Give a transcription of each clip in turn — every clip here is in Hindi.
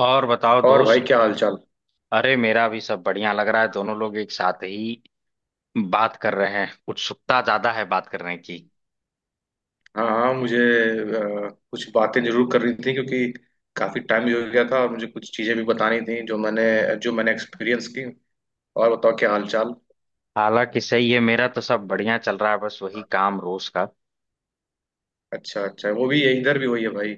और बताओ और भाई, दोस्त। क्या हाल चाल। अरे मेरा भी सब बढ़िया लग रहा है, दोनों लोग एक साथ ही बात कर रहे हैं, उत्सुकता ज्यादा है बात करने की। हाँ हाँ, मुझे कुछ बातें जरूर करनी थी, क्योंकि काफी टाइम भी हो गया था और मुझे कुछ चीजें भी बतानी थी जो मैंने एक्सपीरियंस की। और बताओ क्या हाल चाल। हालांकि सही है, मेरा तो सब बढ़िया चल रहा है, बस वही काम रोज का। अच्छा अच्छा, वो भी इधर भी वही है भाई।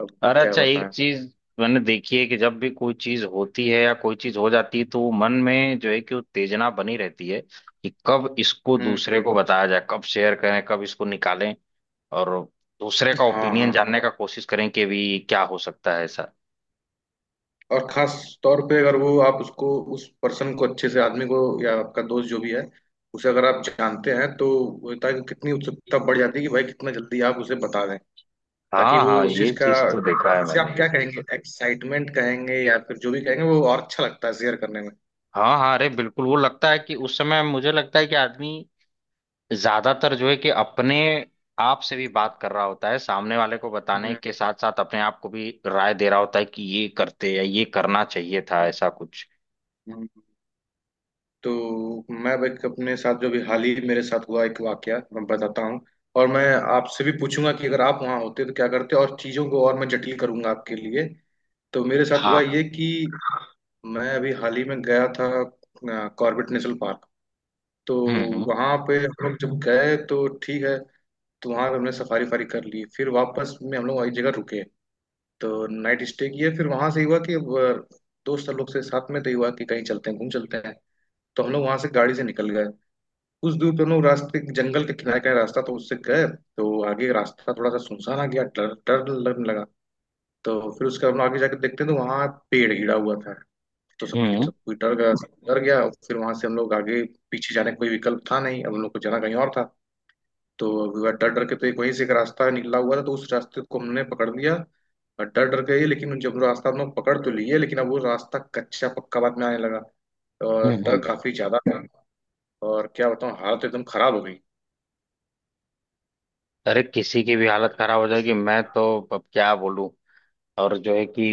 अब अरे क्या अच्छा एक बताएं। चीज मैंने देखी है कि जब भी कोई चीज होती है या कोई चीज हो जाती है तो वो मन में जो है कि उत्तेजना बनी रहती है कि कब इसको हम्म। दूसरे को बताया जाए, कब शेयर करें, कब इसको निकालें और दूसरे का हाँ ओपिनियन हाँ। जानने का कोशिश करें कि भी क्या हो सकता है ऐसा। और खास तौर पे अगर वो आप उसको उस पर्सन को, अच्छे से आदमी को, या आपका दोस्त जो भी है, उसे अगर आप जानते हैं तो वो होता है कि कितनी उत्सुकता बढ़ जाती है कि भाई कितना जल्दी आप उसे बता दें, ताकि हाँ वो हाँ, उस चीज ये का, चीज तो देखा है उसे मैंने। आप क्या कहेंगे, एक्साइटमेंट कहेंगे या फिर जो भी कहेंगे, वो और अच्छा लगता है शेयर करने में। हाँ हाँ, अरे बिल्कुल, वो लगता है कि उस समय मुझे लगता है कि आदमी ज्यादातर जो है कि अपने आप से भी बात कर रहा होता है, सामने वाले को बताने हम्म, के साथ साथ अपने आप को भी राय दे रहा होता है कि ये करते या ये करना चाहिए था, हम्म, ऐसा कुछ। हम्म। तो मैं भाई, अपने साथ जो भी हाल ही मेरे साथ हुआ एक वाकया मैं बताता हूँ। और मैं आपसे भी पूछूंगा कि अगर आप वहां होते तो क्या करते, और चीजों को और मैं जटिल करूंगा आपके लिए। तो मेरे साथ हुआ ये हाँ। कि मैं अभी हाल ही में गया था कॉर्बेट नेशनल पार्क। तो हम्म हम्म वहां पे हम लोग जब गए तो ठीक है, तो वहां पे हमने सफारी फारी कर ली। फिर वापस में हम लोग एक जगह रुके, तो नाइट स्टे किया। फिर वहां से हुआ कि अब दोस्त लोग से साथ में तो हुआ कि कहीं चलते हैं, घूम चलते हैं। तो हम लोग वहां से गाड़ी से निकल गए। कुछ दूर पे हम लोग रास्ते, जंगल के किनारे का रास्ता, तो उससे गए, तो आगे रास्ता थोड़ा सा सुनसान आ गया, डर डर लगने लगा। तो फिर उसके बाद हम लोग आगे जाके देखते हैं तो वहां पेड़ गिरा हुआ था। तो सबकी हम्म सब कोई डर गया, सब डर गया। और फिर वहां से हम लोग आगे। पीछे जाने का कोई विकल्प था नहीं, अब हम लोग को जाना कहीं और था। तो डर डर के, तो एक वहीं से एक रास्ता निकला हुआ था, तो उस रास्ते को हमने पकड़ लिया। और डर डर गए, लेकिन जब रास्ता हम लोग पकड़ तो लिए, लेकिन अब वो रास्ता कच्चा पक्का बाद में आने लगा, और हम्म डर हम्म। काफी ज्यादा था। और क्या बताऊँ, हालत एकदम खराब हो गई। अरे किसी की भी हालत खराब हो जाएगी, मैं तो अब क्या बोलूं, और जो है कि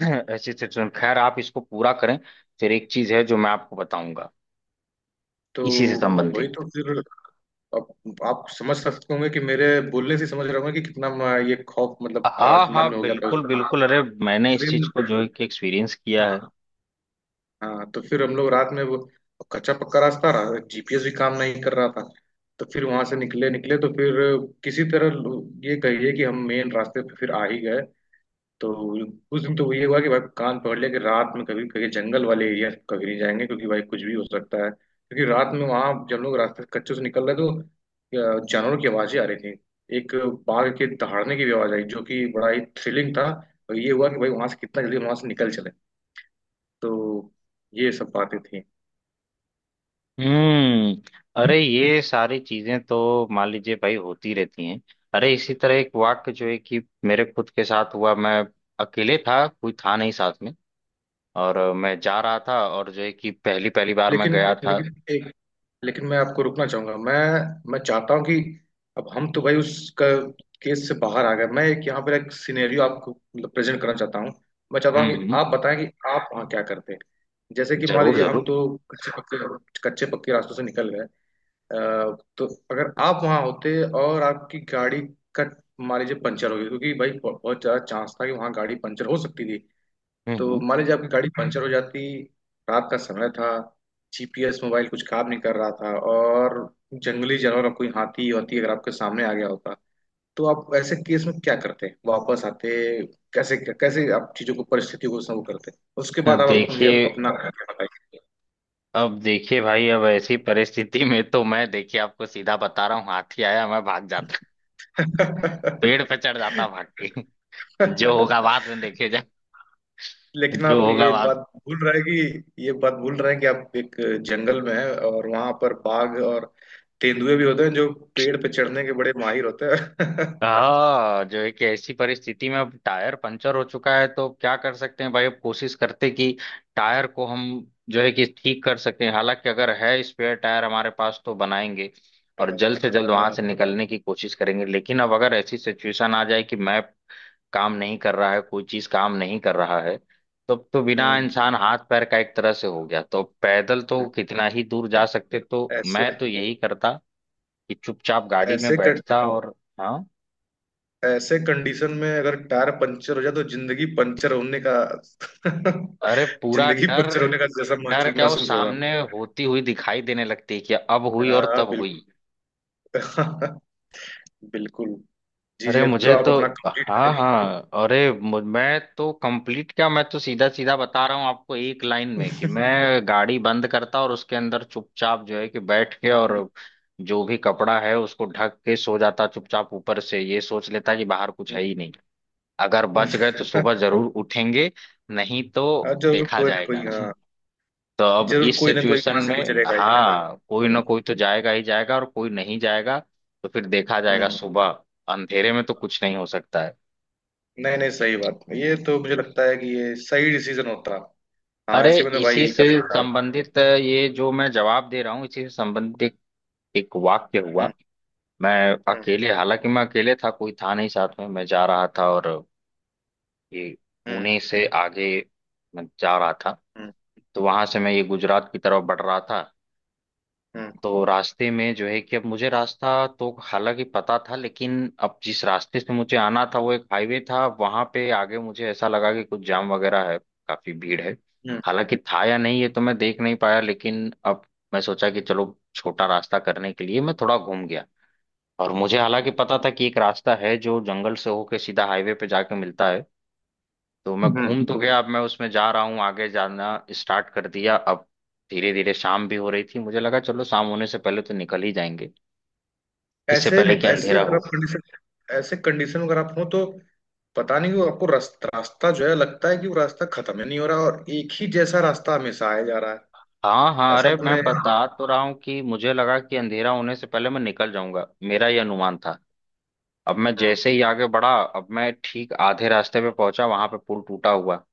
ऐसी सिचुएशन, खैर आप इसको पूरा करें, फिर एक चीज है जो मैं आपको बताऊंगा तो इसी से वही संबंधित। तो फिर, अब आप समझ सकते होंगे कि मेरे बोलने से समझ रहे होंगे कि कितना ये खौफ, मतलब हाँ मन में हाँ, हो गया था उस बिल्कुल समय, बिल्कुल, अरे मैंने उस इस दिन। चीज को जो है कि एक्सपीरियंस किया है। हाँ, तो फिर हम लोग रात में वो कच्चा पक्का रास्ता रहा, जीपीएस भी काम नहीं कर रहा था। तो फिर वहां से निकले निकले तो फिर किसी तरह ये कहिए कि हम मेन रास्ते पे फिर आ ही गए। तो उस दिन तो ये हुआ कि भाई कान पकड़ लिया कि रात में कभी कहीं जंगल वाले एरिया कभी नहीं जाएंगे, क्योंकि भाई कुछ भी हो सकता है। क्योंकि रात में वहां जब लोग रास्ते से कच्चे से निकल रहे, तो जानवरों की आवाजें आ रही थी। एक बाघ के दहाड़ने की भी आवाज आई, जो कि बड़ा ही थ्रिलिंग था। और ये हुआ कि भाई वहां से कितना जल्दी वहां से निकल चले। तो ये सब बातें थी। अरे ये सारी चीजें तो मान लीजिए भाई होती रहती हैं। अरे इसी तरह एक वाक्य जो है कि मेरे खुद के साथ हुआ, मैं अकेले था, कोई था नहीं साथ में, और मैं जा रहा था और जो है कि पहली पहली बार मैं लेकिन गया था। लेकिन एक लेकिन मैं आपको रुकना चाहूंगा। मैं चाहता हूं कि अब हम तो भाई उस केस से बाहर आ गए। मैं एक यहाँ पर एक सिनेरियो आपको मतलब प्रेजेंट करना चाहता हूँ। मैं चाहता हम्म हूँ कि हम्म, आप बताएं कि आप वहाँ क्या करते। जैसे कि मान जरूर लीजिए हम जरूर। तो कच्चे पक्के रास्तों से निकल गए। अ, तो अगर आप वहाँ होते और आपकी गाड़ी का मान लीजिए पंचर हो गई, क्योंकि भाई बहुत बहुत ज्यादा चांस था कि वहाँ गाड़ी पंचर हो सकती थी। तो हम्म मान लीजिए आपकी गाड़ी पंचर हो जाती, रात का समय था, जीपीएस मोबाइल कुछ काम नहीं कर रहा था, और जंगली जानवर कोई हाथी वाथी अगर आपके सामने आ गया होता, तो आप ऐसे केस में क्या करते, वापस आते, कैसे कैसे आप चीजों को परिस्थितियों को संभव करते। उसके बाद हम्म, आप मुझे देखिए, अपना बताइए। अब देखिए भाई, अब ऐसी परिस्थिति में तो मैं देखिए आपको सीधा बता रहा हूँ, हाथी आया मैं भाग जाता, पेड़ पे चढ़ जाता भाग के, जो होगा बाद में देखे जाए। लेकिन जो आप होगा ये बात बाद। भूल रहे हैं कि आप एक जंगल में हैं और वहां पर बाघ और तेंदुए भी होते हैं, जो पेड़ पे चढ़ने के बड़े माहिर होते हैं। हाँ, जो एक ऐसी परिस्थिति में अब टायर पंचर हो चुका है तो क्या कर सकते हैं भाई, अब कोशिश करते कि टायर को हम जो है कि ठीक कर सकें, हालांकि अगर है स्पेयर टायर हमारे पास तो बनाएंगे और हाँ, जल्द से जल्द वहां हाँ, से निकलने की कोशिश करेंगे, लेकिन अब अगर ऐसी सिचुएशन आ जाए कि मैप काम नहीं कर रहा है, कोई चीज काम नहीं कर रहा है, तब तो बिना हम्म। इंसान हाथ पैर का एक तरह से हो गया, तो पैदल तो कितना ही दूर जा ऐ- सकते, तो ऐसे मैं तो यही करता कि चुपचाप गाड़ी में ऐसे कं- बैठता और हाँ। ऐसे कंडीशन में अगर टायर पंचर हो जाए तो जिंदगी पंचर होने का। अरे पूरा जिंदगी डर, पंचर होने का जैसा डर महसूस क्या वो महसूस होगा। सामने होती हुई दिखाई देने लगती है कि अब हुई और हाँ, तब हुई। बिल्कुल। बिल्कुल। जी अरे जी, अब तो मुझे आप तो, अपना हाँ कंप्लीट हाँ, अरे मैं तो कंप्लीट क्या, मैं तो सीधा सीधा बता रहा हूँ आपको एक लाइन में, कि मैं गाड़ी बंद करता और उसके अंदर चुपचाप जो है कि बैठ के और करें। जो भी कपड़ा है उसको ढक के सो जाता चुपचाप, ऊपर से ये सोच लेता कि बाहर कुछ है ही नहीं। अगर बच गए तो सुबह जरूर उठेंगे, नहीं तो हाँ, जरूर देखा कोई ना कोई, जाएगा। हाँ। तो अब जरूर इस कोई ना कोई सिचुएशन वहां से में गुजरेगा ही। हाँ कोई ना हम्म। कोई तो जाएगा ही जाएगा और कोई नहीं जाएगा तो फिर देखा जाएगा हम्म। सुबह। अंधेरे में तो कुछ नहीं हो सकता है। नहीं नहीं, सही बात। ये तो मुझे लगता है कि ये सही डिसीजन होता। हाँ, अरे ऐसे में तो भाई इसी यही से कर सकता है। संबंधित, ये जो मैं जवाब दे रहा हूँ इसी से संबंधित एक, एक वाक्य हुआ। हम्म। मैं हम्म। अकेले, हालांकि मैं अकेले था, कोई था नहीं साथ में, मैं जा रहा था और ये हम्म। पुणे से आगे मैं जा रहा था, हम्म। तो वहां से मैं ये गुजरात की तरफ बढ़ रहा था। हम्म। तो रास्ते में जो है कि अब मुझे रास्ता तो हालांकि पता था, लेकिन अब जिस रास्ते से मुझे आना था वो एक हाईवे था, वहां पे आगे मुझे ऐसा लगा कि कुछ जाम वगैरह है, काफी भीड़ है। हम्म। हालांकि था या नहीं ये तो मैं देख नहीं पाया, लेकिन अब मैं सोचा कि चलो छोटा रास्ता करने के लिए मैं थोड़ा घूम गया, और मुझे हालांकि पता था कि एक रास्ता है जो जंगल से होके सीधा हाईवे पे जाके मिलता है। तो मैं हम्म, हम्म। घूम तो गया, अब मैं उसमें जा रहा हूँ, आगे जाना स्टार्ट कर दिया। अब धीरे धीरे शाम भी हो रही थी, मुझे लगा चलो शाम होने से पहले तो निकल ही जाएंगे, इससे ऐसे पहले कि ऐसे अंधेरा अगर हो। आप कंडीशन ऐसे कंडीशन में अगर आप हो, तो पता नहीं क्यों आपको रास्ता रास्ता जो है लगता है कि वो रास्ता खत्म ही नहीं हो रहा, और एक ही जैसा रास्ता हमेशा आया जा रहा है। हाँ हाँ, ऐसा अरे मैं अपने। बता तो रहा हूँ कि मुझे लगा कि अंधेरा होने से पहले मैं निकल जाऊंगा, मेरा ये अनुमान था। अब मैं हम्म। जैसे ही आगे बढ़ा, अब मैं ठीक आधे रास्ते पे पहुंचा, वहां पे पुल टूटा हुआ।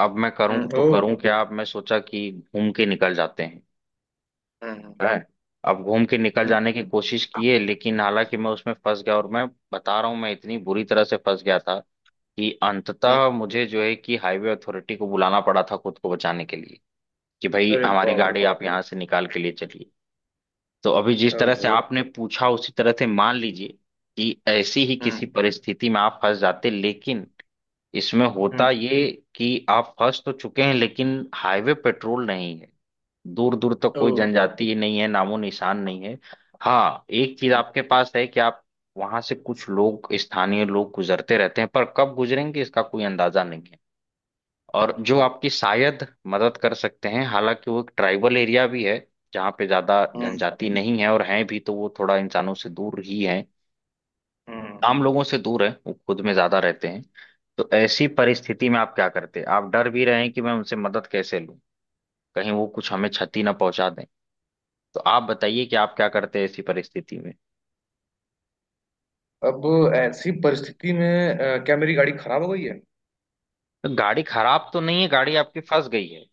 अब मैं करूँ हम्म। तो ओ, करूँ क्या, अब मैं सोचा कि घूम के निकल जाते हैं। हम्म। है, अब घूम के निकल हम्म। जाने की कोशिश किए, लेकिन हालांकि मैं उसमें फंस गया, और मैं बता रहा हूँ मैं इतनी बुरी तरह से फंस गया था कि हम्म। अंततः मुझे जो है कि हाईवे अथॉरिटी को बुलाना पड़ा था खुद को बचाने के लिए, कि भाई अरे हमारी बाप रे गाड़ी बाप। आप यहाँ से निकाल के लिए चलिए। तो अभी जिस तरह से ओहो। आपने पूछा उसी तरह से मान लीजिए कि ऐसी ही किसी हम्म, परिस्थिति में आप फंस जाते, लेकिन इसमें हम्म। होता ये कि आप फंस तो चुके हैं लेकिन हाईवे पेट्रोल नहीं है, दूर दूर तक ओ, कोई जनजाति ही नहीं है, नामो निशान नहीं है। हाँ, एक चीज आपके पास है कि आप, वहां से कुछ लोग स्थानीय लोग गुजरते रहते हैं, पर कब गुजरेंगे इसका कोई अंदाजा नहीं है, और हम्म, जो आपकी शायद मदद कर सकते हैं, हालांकि वो एक ट्राइबल एरिया भी है जहाँ पे ज्यादा हम्म, जनजाति नहीं है, और हैं भी तो वो थोड़ा इंसानों से दूर ही है, हम्म। आम लोगों से दूर है, वो खुद में ज्यादा रहते हैं। तो ऐसी परिस्थिति में आप क्या करते, आप डर भी रहे हैं कि मैं उनसे मदद कैसे लूं, कहीं वो कुछ हमें क्षति ना पहुंचा दें। तो आप बताइए कि आप क्या करते हैं ऐसी परिस्थिति में। अब ऐसी परिस्थिति में, क्या मेरी गाड़ी खराब हो गई है? तो गाड़ी खराब तो नहीं है, गाड़ी आपकी फंस गई है।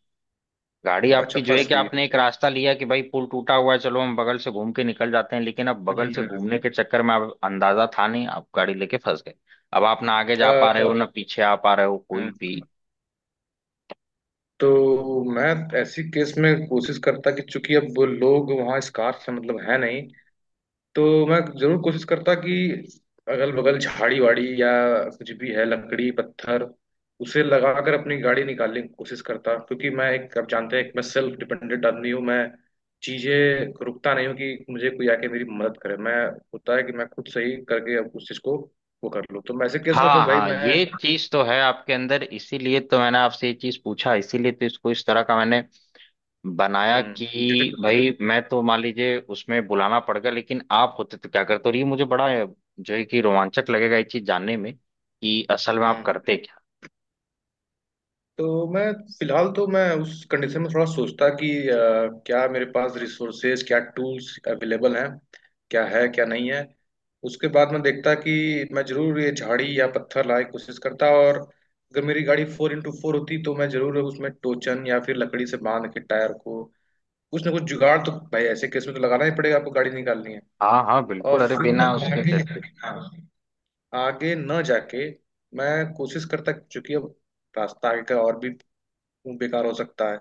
गाड़ी अच्छा, आपकी जो है फंस कि गई। आपने एक रास्ता लिया कि भाई पुल टूटा हुआ है, चलो हम बगल से घूम के निकल जाते हैं, लेकिन अब बगल से हम्म। घूमने के चक्कर में आप, अंदाजा था नहीं, आप गाड़ी लेके फंस गए। अब आप ना आगे अ, जा पा रहे हो ना पीछे आ पा रहे हो, हम्म। कोई भी। तो मैं ऐसी केस में कोशिश करता कि, चूंकि अब वो लोग वहाँ इस कार से मतलब है नहीं, तो मैं जरूर कोशिश करता कि अगल बगल झाड़ी वाड़ी या कुछ भी है, लकड़ी पत्थर, उसे लगाकर अपनी गाड़ी निकालने की कोशिश करता। क्योंकि मैं एक, आप जानते हैं, एक मैं सेल्फ डिपेंडेंट आदमी हूँ। मैं चीजें रुकता नहीं हूँ कि मुझे कोई आके मेरी मदद करे। मैं होता है कि मैं खुद से ही करके अब उस चीज को वो कर लूँ, तो मैं ऐसे केस में तो हाँ भाई हाँ, मैं। ये चीज तो है आपके अंदर, इसीलिए तो मैंने आपसे ये चीज पूछा, इसीलिए तो इसको इस तरह का मैंने बनाया हम्म। कि जटिल हूँ। भाई मैं तो मान लीजिए उसमें बुलाना पड़ गया, लेकिन आप होते तो क्या करते, और ये मुझे बड़ा जो है कि रोमांचक लगेगा ये चीज जानने में कि असल में आप हम्म। करते क्या। तो मैं, फिलहाल तो मैं उस कंडीशन में थोड़ा सोचता कि क्या मेरे पास रिसोर्सेज, क्या टूल्स अवेलेबल हैं, क्या है क्या नहीं है। उसके बाद मैं देखता कि मैं जरूर ये झाड़ी या पत्थर लाए कोशिश करता, और अगर मेरी गाड़ी 4x4 होती तो मैं जरूर उसमें टोचन या फिर लकड़ी से बांध के टायर को, कुछ ना कुछ जुगाड़, तो भाई ऐसे केस में तो लगाना ही पड़ेगा, आपको गाड़ी निकालनी है। हाँ हाँ और बिल्कुल, अरे फिर बिना मैं उसके आगे, कैसे। हाँ, आगे न जाके मैं कोशिश करता, चूंकि अब रास्ता आगे का और भी, वो बेकार हो सकता है,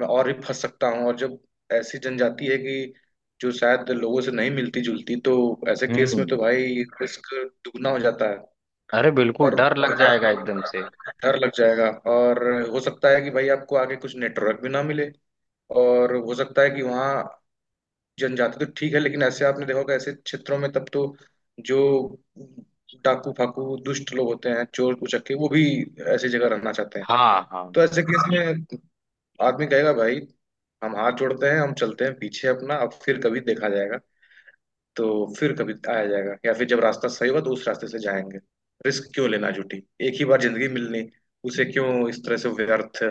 मैं और भी फंस सकता हूँ, और जब ऐसी जनजाति है कि जो शायद लोगों से नहीं मिलती जुलती, तो ऐसे केस में हम्म तो भाई रिस्क दुगना हो जाता है। अरे बिल्कुल और डर लग डर जाएगा एकदम से। डर लग जाएगा, और हो सकता है कि भाई आपको आगे कुछ नेटवर्क भी ना मिले। और हो सकता है कि वहाँ जनजाति तो ठीक है, लेकिन ऐसे आपने देखा होगा, ऐसे क्षेत्रों में तब तो जो डाकू फाकू दुष्ट लोग होते हैं, चोर उचक्के, वो भी ऐसी जगह रहना चाहते हैं। हाँ हाँ तो ऐसे केस में आदमी कहेगा भाई, हम हाथ जोड़ते हैं, हम चलते हैं पीछे अपना, अब फिर कभी देखा जाएगा। तो फिर कभी आया जाएगा, या फिर जब रास्ता सही हुआ तो उस रास्ते से जाएंगे। रिस्क क्यों लेना झूठी। एक ही बार जिंदगी मिलनी, उसे क्यों इस तरह से व्यर्थ,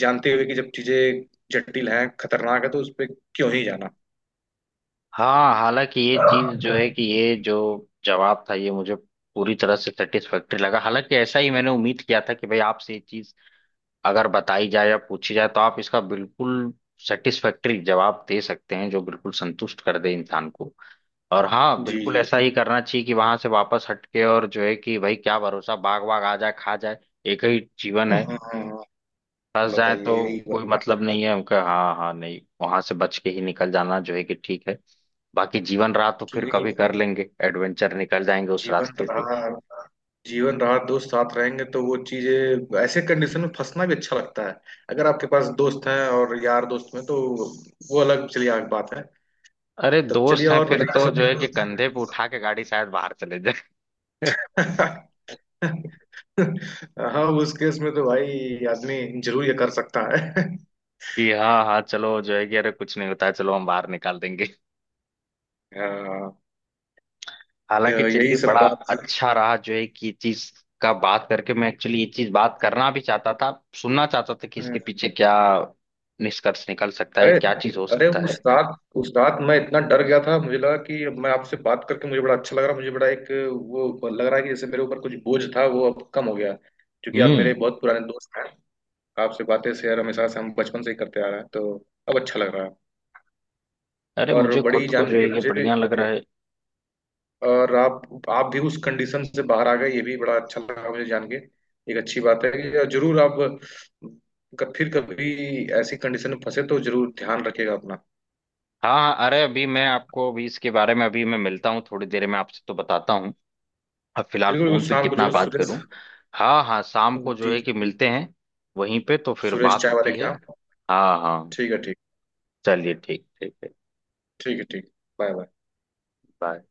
जानते हुए कि जब चीजें जटिल हैं, खतरनाक है, तो उस पर क्यों ही जाना। हाँ। हालांकि ये चीज जो है कि ये जो जवाब था, ये मुझे पूरी तरह से सेटिस्फैक्ट्री लगा, हालांकि ऐसा ही मैंने उम्मीद किया था कि भाई आपसे ये चीज अगर बताई जाए या पूछी जाए तो आप इसका बिल्कुल सेटिस्फैक्टरी जवाब दे सकते हैं जो बिल्कुल संतुष्ट कर दे इंसान को। और हाँ जी बिल्कुल जी। ऐसा ही करना चाहिए कि वहां से वापस हटके, और जो है कि भाई क्या भरोसा, बाघ वाघ आ जाए, खा जाए, एक ही जीवन हाँ है, हाँ, हाँ, फंस जाए तो बताइए यही बात कोई ना। मतलब नहीं है उनका। हाँ हाँ, नहीं, वहां से बच के ही निकल जाना जो है कि ठीक है, बाकी जीवन रहा तो कि फिर कभी कर लेंगे एडवेंचर, निकल जाएंगे उस जीवन रास्ते से। रहा, जीवन रहा दोस्त साथ रहेंगे तो वो चीजें, ऐसे कंडीशन में फंसना भी अच्छा लगता है अगर आपके पास दोस्त हैं। और यार दोस्त में तो वो अलग, चलिए, अलग बात है। अरे तब चलिए, दोस्त हैं और फिर बताइए तो जो है कि सब। कंधे पे उठा के गाड़ी शायद बाहर चले जाए, हाँ, उस केस में तो भाई आदमी जरूर ये कर सकता है। कि हाँ हाँ चलो जो है कि अरे कुछ नहीं होता है, चलो हम बाहर निकाल देंगे। हाँ, तो हालांकि यही चलिए, सब बड़ा बात अच्छा रहा जो है कि ये चीज का बात करके, मैं एक्चुअली ये चीज बात करना भी चाहता था, सुनना चाहता था कि इसके थी। पीछे क्या निष्कर्ष निकल सकता है, अरे, क्या चीज हो अरे, सकता है। उस रात, उस रात मैं इतना डर गया था, मुझे लगा कि अब, मैं आपसे बात करके मुझे बड़ा अच्छा लग रहा, मुझे बड़ा एक वो लग रहा है कि जैसे मेरे ऊपर कुछ बोझ था वो अब कम हो गया। क्योंकि आप मेरे हम्म। बहुत पुराने दोस्त हैं। आपसे बातें शेयर हमेशा से हम बचपन से ही करते आ रहे हैं, तो अब अच्छा लग रहा है। अरे और मुझे बड़ी खुद को जान जो के है कि मुझे भी। बढ़िया लग रहा है। और आप भी उस कंडीशन से बाहर आ गए, ये भी बड़ा अच्छा लगा मुझे जान के। एक अच्छी बात है कि जरूर आप फिर कभी ऐसी कंडीशन में फंसे तो जरूर ध्यान रखिएगा अपना। हाँ हाँ, अरे अभी मैं आपको अभी इसके बारे में अभी मैं मिलता हूँ थोड़ी देर में आपसे, तो बताता हूँ, अब फिलहाल बिल्कुल फोन बिल्कुल, पे शाम को कितना जरूर, बात सुरेश। करूं। हाँ हाँ, शाम जी को जो है जी। कि मिलते हैं, वहीं पे तो फिर सुरेश बात चाय वाले होती के है। यहाँ। हाँ हाँ, ठीक है, ठीक। चलिए ठीक, ठीक है। ठीक है, ठीक। Bye bye. बाय।